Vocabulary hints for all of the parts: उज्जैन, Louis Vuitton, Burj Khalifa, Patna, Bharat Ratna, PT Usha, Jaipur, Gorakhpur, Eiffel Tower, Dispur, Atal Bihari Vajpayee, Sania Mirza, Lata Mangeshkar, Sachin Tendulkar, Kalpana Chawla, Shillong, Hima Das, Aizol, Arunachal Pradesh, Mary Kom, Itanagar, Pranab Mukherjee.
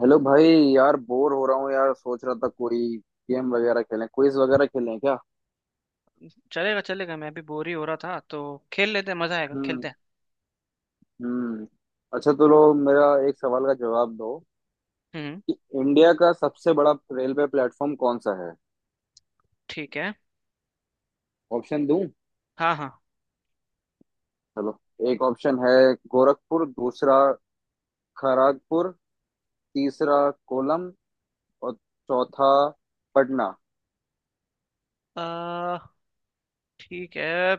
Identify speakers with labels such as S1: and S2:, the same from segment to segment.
S1: Hello भाई। यार bore हो रहा हूँ यार। सोच रहा था कोई गेम वगैरह खेलें, क्विज वगैरह खेलें क्या।
S2: चलेगा चलेगा। मैं भी बोर ही हो रहा था, तो खेल लेते हैं। मजा आएगा।
S1: हम्म।
S2: खेलते हैं।
S1: हम्म। अच्छा तो लो मेरा एक सवाल का जवाब दो
S2: हम्म।
S1: कि इंडिया का सबसे बड़ा रेलवे प्लेटफॉर्म कौन सा है।
S2: ठीक है।
S1: ऑप्शन दूं?
S2: हाँ हाँ।
S1: चलो। एक ऑप्शन है गोरखपुर, दूसरा खड़गपुर, तीसरा कोलम, और चौथा पटना।
S2: आ, ठीक है।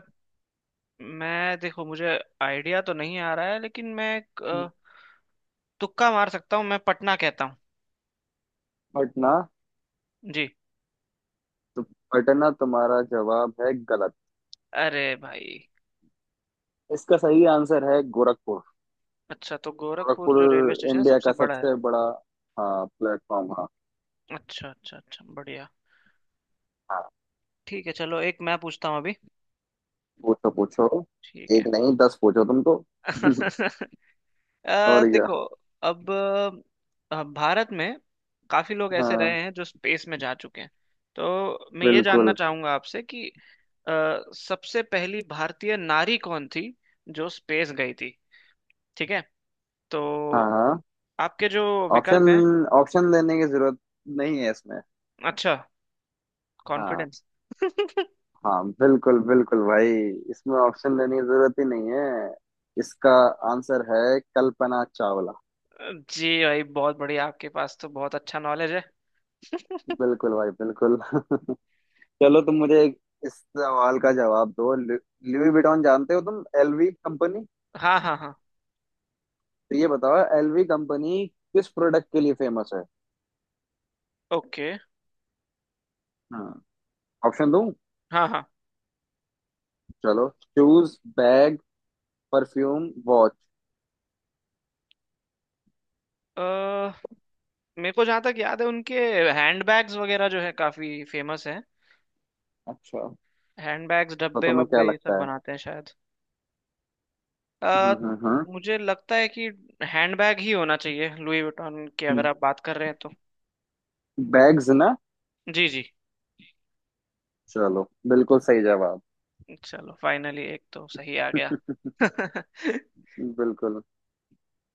S2: मैं, देखो, मुझे आइडिया तो नहीं आ रहा है, लेकिन मैं एक, तुक्का मार सकता हूँ। मैं पटना कहता हूँ।
S1: पटना?
S2: जी।
S1: तो पटना तुम्हारा जवाब है गलत।
S2: अरे भाई।
S1: इसका सही आंसर है गोरखपुर।
S2: अच्छा, तो गोरखपुर
S1: गोरखपुर
S2: जो रेलवे स्टेशन है
S1: इंडिया
S2: सबसे
S1: का
S2: बड़ा है।
S1: सबसे बड़ा, हाँ, प्लेटफॉर्म, हाँ।
S2: अच्छा अच्छा अच्छा। बढ़िया।
S1: हाँ।
S2: ठीक है, चलो, एक मैं पूछता हूँ अभी।
S1: पूछो पूछो।
S2: ठीक
S1: एक नहीं दस पूछो तुम तो
S2: है।
S1: और क्या।
S2: देखो। अब भारत में काफी लोग ऐसे
S1: हाँ।
S2: रहे हैं जो स्पेस में जा चुके हैं। तो मैं ये जानना
S1: बिल्कुल।
S2: चाहूंगा आपसे कि अ, सबसे पहली भारतीय नारी कौन थी जो स्पेस गई थी। ठीक है। तो
S1: हाँ। हाँ।
S2: आपके जो
S1: ऑप्शन,
S2: विकल्प हैं।
S1: ऑप्शन देने की जरूरत नहीं है इसमें।
S2: अच्छा।
S1: हाँ।
S2: कॉन्फिडेंस।
S1: हाँ। बिल्कुल बिल्कुल भाई। इसमें ऑप्शन देने की जरूरत ही नहीं है। इसका आंसर है कल्पना चावला।
S2: जी भाई, बहुत बढ़िया। आपके पास तो बहुत अच्छा नॉलेज है।
S1: बिल्कुल भाई बिल्कुल चलो तुम मुझे एक इस सवाल का जवाब दो। लुई विटॉन जानते हो तुम, एलवी कंपनी?
S2: हाँ हाँ हाँ।
S1: तो ये बताओ एलवी कंपनी किस प्रोडक्ट के लिए फेमस है।
S2: ओके।
S1: हाँ। ऑप्शन दूं?
S2: हाँ
S1: चलो। Shoes, bag, perfume, watch.
S2: हाँ, मेरे को जहाँ तक याद है उनके हैंडबैग्स वगैरह जो है काफी फेमस है।
S1: अच्छा।
S2: हैंडबैग्स,
S1: तो
S2: डब्बे
S1: तुम्हें क्या
S2: वब्बे, ये सब
S1: लगता है?
S2: बनाते हैं शायद। अ,
S1: हम्म हम्म हम्म
S2: मुझे लगता है कि हैंडबैग ही होना चाहिए लुई वुइटन की, अगर
S1: हम्म,
S2: आप बात कर रहे हैं तो।
S1: बैग्स ना?
S2: जी जी।
S1: चलो, बिल्कुल सही जवाब।
S2: चलो, फाइनली एक तो सही आ गया।
S1: बिल्कुल।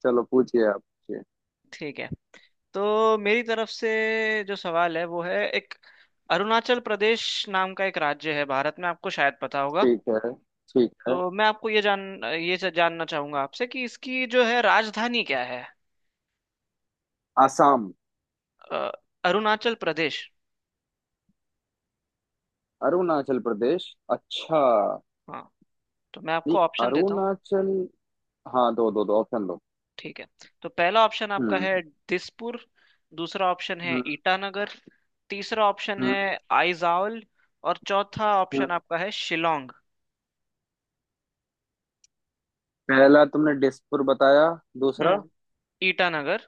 S1: चलो पूछिए, आप पूछिए।
S2: ठीक है। तो मेरी तरफ से जो सवाल है वो है एक। अरुणाचल प्रदेश नाम का एक राज्य है भारत में, आपको शायद पता होगा।
S1: ठीक है। ठीक
S2: तो
S1: है।
S2: मैं आपको ये जानना चाहूंगा आपसे कि इसकी जो है राजधानी क्या है।
S1: आसाम?
S2: अ, अरुणाचल प्रदेश।
S1: अरुणाचल प्रदेश? अच्छा।
S2: हाँ। तो मैं
S1: नहीं,
S2: आपको ऑप्शन देता हूँ।
S1: अरुणाचल। हाँ, दो दो दो ऑप्शन दो।
S2: ठीक है। तो पहला ऑप्शन आपका
S1: हम्म।
S2: है दिसपुर। दूसरा ऑप्शन है
S1: हम्म।
S2: ईटानगर। तीसरा ऑप्शन
S1: हम्म।
S2: है आइजॉल। और चौथा
S1: हम्म।
S2: ऑप्शन आपका है शिलोंग।
S1: पहला तुमने डिस्पुर बताया, दूसरा
S2: हम्म ईटानगर।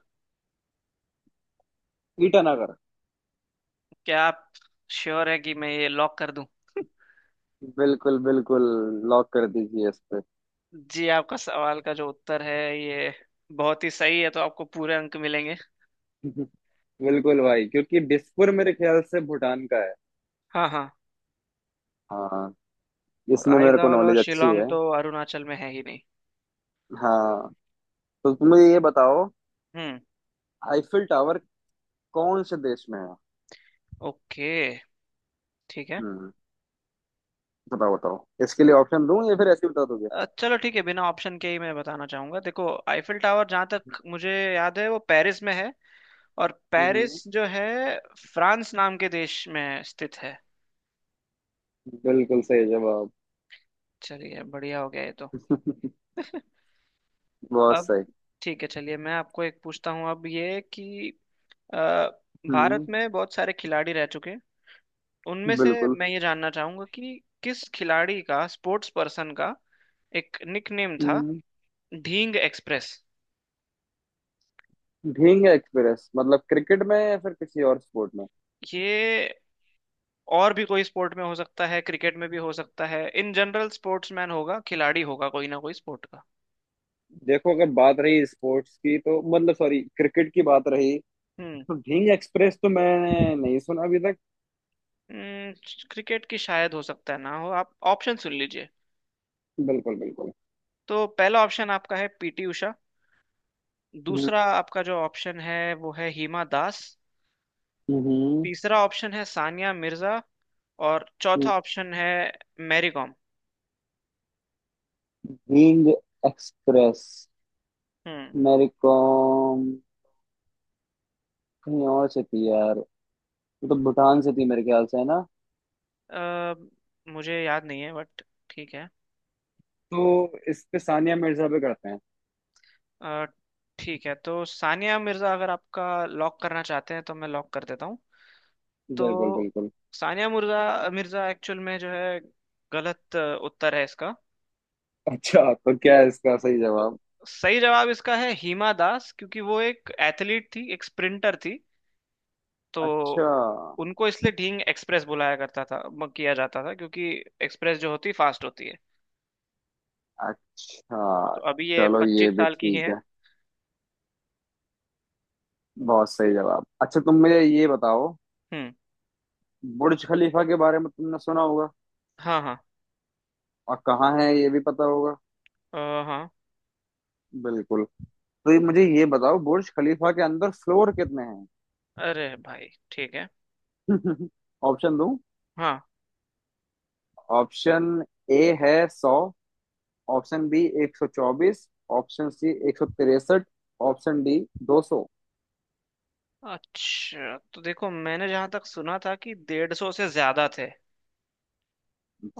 S1: ईटानगर।
S2: क्या आप श्योर है कि मैं ये लॉक कर दूं?
S1: बिल्कुल बिल्कुल, लॉक कर दीजिए इस पे।
S2: जी, आपका सवाल का जो उत्तर है ये बहुत ही सही है, तो आपको पूरे अंक मिलेंगे।
S1: बिल्कुल भाई, क्योंकि बिसपुर मेरे ख्याल से भूटान का है।
S2: हाँ हाँ।
S1: हाँ।
S2: और
S1: इसमें मेरे को
S2: आइजॉल और
S1: नॉलेज अच्छी
S2: शिलोंग
S1: है।
S2: तो अरुणाचल में है ही नहीं।
S1: हाँ। तो तुम मुझे ये बताओ,
S2: हम्म।
S1: आईफिल टावर कौन से देश में है?
S2: ओके। ठीक है।
S1: हम्म। बताओ बताओ। इसके लिए ऑप्शन दूं या फिर ऐसे ही बता दोगे?
S2: चलो, ठीक है, बिना ऑप्शन के ही मैं बताना चाहूंगा। देखो, आईफिल टावर जहां तक मुझे याद है वो पेरिस में है। और
S1: हम्म।
S2: पेरिस जो है फ्रांस नाम के देश में स्थित है।
S1: बिल्कुल सही जवाब।
S2: चलिए, बढ़िया हो गया ये तो।
S1: बहुत
S2: अब
S1: सही।
S2: ठीक है। चलिए मैं आपको एक पूछता हूँ अब ये कि अ, भारत
S1: हम्म।
S2: में बहुत सारे खिलाड़ी रह चुके हैं। उनमें से
S1: बिल्कुल।
S2: मैं ये जानना चाहूंगा कि किस खिलाड़ी का, स्पोर्ट्स पर्सन का, एक निकनेम था
S1: हम्म,
S2: ढींग एक्सप्रेस।
S1: ढींग एक्सप्रेस? मतलब क्रिकेट में या फिर किसी और स्पोर्ट में?
S2: ये और भी कोई स्पोर्ट में हो सकता है, क्रिकेट में भी हो सकता है, इन जनरल स्पोर्ट्समैन होगा, खिलाड़ी होगा कोई ना कोई स्पोर्ट का।
S1: देखो अगर बात रही स्पोर्ट्स की, तो मतलब सॉरी, क्रिकेट की बात रही
S2: हम्म
S1: तो ढींग एक्सप्रेस तो मैंने नहीं सुना अभी तक।
S2: हम्म, क्रिकेट की शायद हो सकता है, ना हो, आप ऑप्शन सुन लीजिए।
S1: बिल्कुल बिल्कुल।
S2: तो पहला ऑप्शन आपका है पीटी उषा।
S1: हम्म।
S2: दूसरा आपका जो ऑप्शन है वो है हिमा दास।
S1: हम्म।
S2: तीसरा ऑप्शन है सानिया मिर्जा। और
S1: हम्म।
S2: चौथा ऑप्शन है मैरी कॉम।
S1: ढींग एक्सप्रेस,
S2: हम्म।
S1: मेरे को कहीं और से थी यार। वो तो भूटान से थी मेरे ख्याल से, है ना?
S2: अ, मुझे याद नहीं है, बट ठीक है।
S1: तो इस पे सानिया मिर्जा पे करते हैं।
S2: अ, ठीक है। तो सानिया मिर्जा अगर आपका लॉक करना चाहते हैं तो मैं लॉक कर देता हूँ।
S1: बिल्कुल
S2: तो
S1: बिल्कुल।
S2: सानिया मिर्जा मिर्जा एक्चुअल में जो है गलत उत्तर है इसका।
S1: अच्छा, तो क्या है इसका सही
S2: तो
S1: जवाब?
S2: सही जवाब इसका है हिमा दास, क्योंकि वो एक एथलीट थी, एक स्प्रिंटर थी। तो
S1: अच्छा।
S2: उनको इसलिए ढींग एक्सप्रेस बुलाया करता था, किया जाता था, क्योंकि एक्सप्रेस जो होती फास्ट होती है।
S1: अच्छा।
S2: तो अभी ये
S1: चलो ये
S2: पच्चीस
S1: भी
S2: साल की ही
S1: ठीक
S2: है।
S1: है। बहुत सही जवाब। अच्छा तुम मुझे ये बताओ,
S2: हम्म।
S1: बुर्ज खलीफा के बारे में तुमने सुना होगा,
S2: हाँ हाँ।
S1: और कहाँ है ये भी पता होगा।
S2: अ, हाँ।
S1: बिल्कुल। तो ये मुझे ये बताओ, बुर्ज खलीफा के अंदर फ्लोर कितने हैं?
S2: अरे भाई, ठीक है।
S1: ऑप्शन दूं?
S2: हाँ।
S1: ऑप्शन ए है सौ, ऑप्शन बी एक सौ चौबीस, ऑप्शन सी एक सौ तिरसठ, ऑप्शन डी दो सौ।
S2: अच्छा, तो देखो, मैंने जहां तक सुना था कि 150 से ज्यादा थे।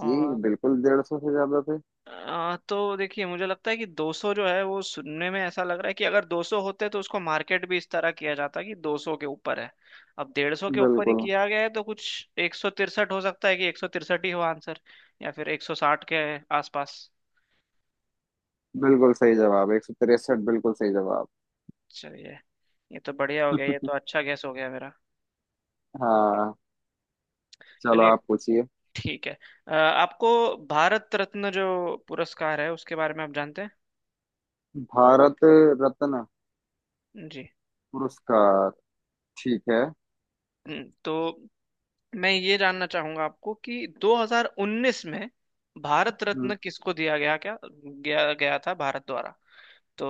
S1: जी बिल्कुल डेढ़ सौ से ज्यादा थे।
S2: तो देखिए, मुझे लगता है कि 200 जो है वो सुनने में ऐसा लग रहा है कि अगर 200 होते तो उसको मार्केट भी इस तरह किया जाता कि 200 के ऊपर है। अब 150 के ऊपर ही
S1: बिल्कुल।
S2: किया गया है तो कुछ 163 हो सकता है, कि 163 ही हो आंसर। या फिर 160 के आसपास।
S1: बिल्कुल सही जवाब, एक सौ तिरसठ, बिल्कुल सही जवाब।
S2: चलिए, ये तो बढ़िया हो गया। ये तो अच्छा गैस हो गया मेरा।
S1: हाँ। चलो
S2: चलिए
S1: आप पूछिए।
S2: ठीक है। आपको भारत रत्न जो पुरस्कार है उसके बारे में आप जानते
S1: भारत रत्न
S2: हैं जी।
S1: पुरस्कार, ठीक है।
S2: तो मैं ये जानना चाहूंगा आपको कि 2019 में भारत रत्न किसको दिया गया क्या गया गया था भारत द्वारा। तो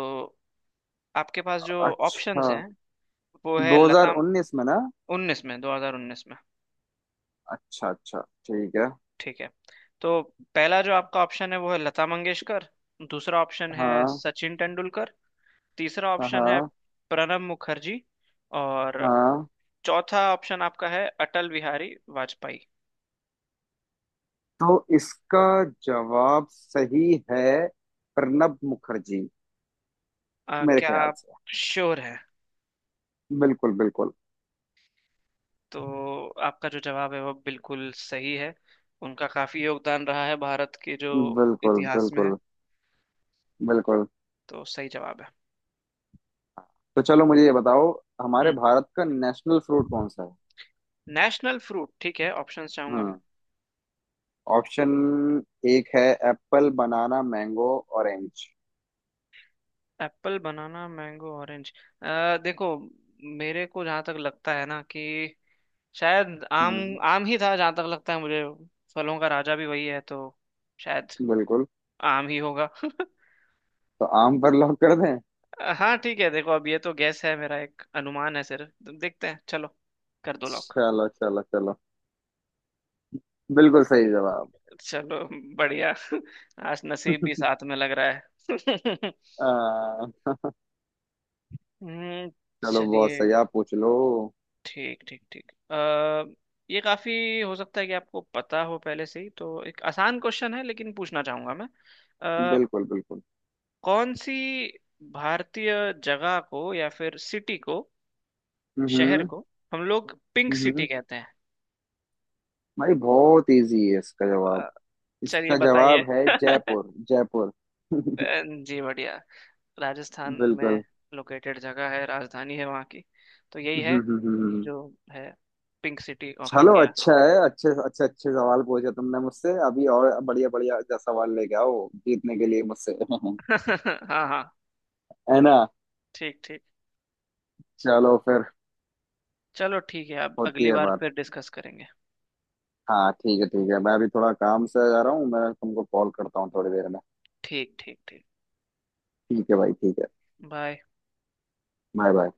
S2: आपके पास जो
S1: अच्छा,
S2: ऑप्शंस हैं वो है लता।
S1: 2019 में ना?
S2: 19 में, 2019 में।
S1: अच्छा अच्छा, ठीक है।
S2: ठीक है। तो पहला जो आपका ऑप्शन है वो है लता मंगेशकर। दूसरा ऑप्शन है
S1: हाँ।
S2: सचिन तेंदुलकर। तीसरा ऑप्शन है
S1: हाँ।
S2: प्रणब मुखर्जी। और
S1: हाँ।
S2: चौथा ऑप्शन आपका है अटल बिहारी वाजपेयी।
S1: तो इसका जवाब सही है प्रणब मुखर्जी मेरे
S2: क्या
S1: ख्याल
S2: आप
S1: से।
S2: श्योर है?
S1: बिल्कुल बिल्कुल।
S2: तो आपका जो जवाब है वो बिल्कुल सही है। उनका काफी योगदान रहा है भारत के जो
S1: बिल्कुल
S2: इतिहास में है।
S1: बिल्कुल। बिल्कुल।
S2: तो सही जवाब है।
S1: तो चलो मुझे ये बताओ, हमारे
S2: हम्म
S1: भारत का नेशनल फ्रूट कौन सा है?
S2: नेशनल फ्रूट, ठीक है, ऑप्शंस चाहूंगा मैं।
S1: हम्म। ऑप्शन एक है apple, banana, mango, orange.
S2: Apple, banana, mango, orange. देखो, मेरे को जहां तक लगता है ना कि शायद आम।
S1: हम्म।
S2: आम ही था जहां तक लगता है मुझे। फलों का राजा भी वही है, तो शायद
S1: बिल्कुल।
S2: आम ही होगा।
S1: तो आम पर लॉक कर दें?
S2: हाँ ठीक है, देखो अब ये तो गैस है, मेरा एक अनुमान है सिर्फ, तो देखते हैं, चलो, कर दो लॉक।
S1: चलो चलो चलो, बिल्कुल सही जवाब।
S2: चलो। बढ़िया। आज नसीब भी साथ में लग रहा है।
S1: आ,
S2: हम्म।
S1: चलो बहुत
S2: चलिए।
S1: सही, आप पूछ लो।
S2: ठीक ठीक ठीक। ये काफी, हो सकता है कि आपको पता हो पहले से ही, तो एक आसान क्वेश्चन है लेकिन पूछना चाहूंगा मैं। अ,
S1: बिल्कुल बिल्कुल।
S2: कौन सी भारतीय जगह को या फिर सिटी को, शहर
S1: हम्म।
S2: को, हम लोग पिंक सिटी
S1: हम्म।
S2: कहते हैं?
S1: भाई बहुत इजी है इसका जवाब।
S2: अ, चलिए
S1: इसका
S2: बताइए।
S1: जवाब है जयपुर, जयपुर।
S2: जी, बढ़िया। राजस्थान में
S1: बिल्कुल।
S2: लोकेटेड जगह है, राजधानी है वहाँ की, तो यही
S1: हम्म।
S2: है
S1: हम्म। हम्म।
S2: जो है पिंक सिटी ऑफ
S1: चलो
S2: इंडिया।
S1: अच्छा है, अच्छे अच्छे अच्छे सवाल पूछे तुमने मुझसे अभी। और बढ़िया बढ़िया जा सवाल लेके आओ जीतने के लिए मुझसे।
S2: हाँ हाँ।
S1: है ना?
S2: ठीक ठीक।
S1: चलो फिर।
S2: चलो ठीक है, अब
S1: होती
S2: अगली
S1: है
S2: बार
S1: बात।
S2: फिर डिस्कस करेंगे।
S1: हाँ ठीक है, ठीक है, मैं अभी थोड़ा काम से जा रहा हूँ, मैं तुमको कॉल करता हूँ थोड़ी देर में।
S2: ठीक ठीक ठीक।
S1: ठीक है भाई, ठीक है।
S2: बाय।
S1: Bye bye.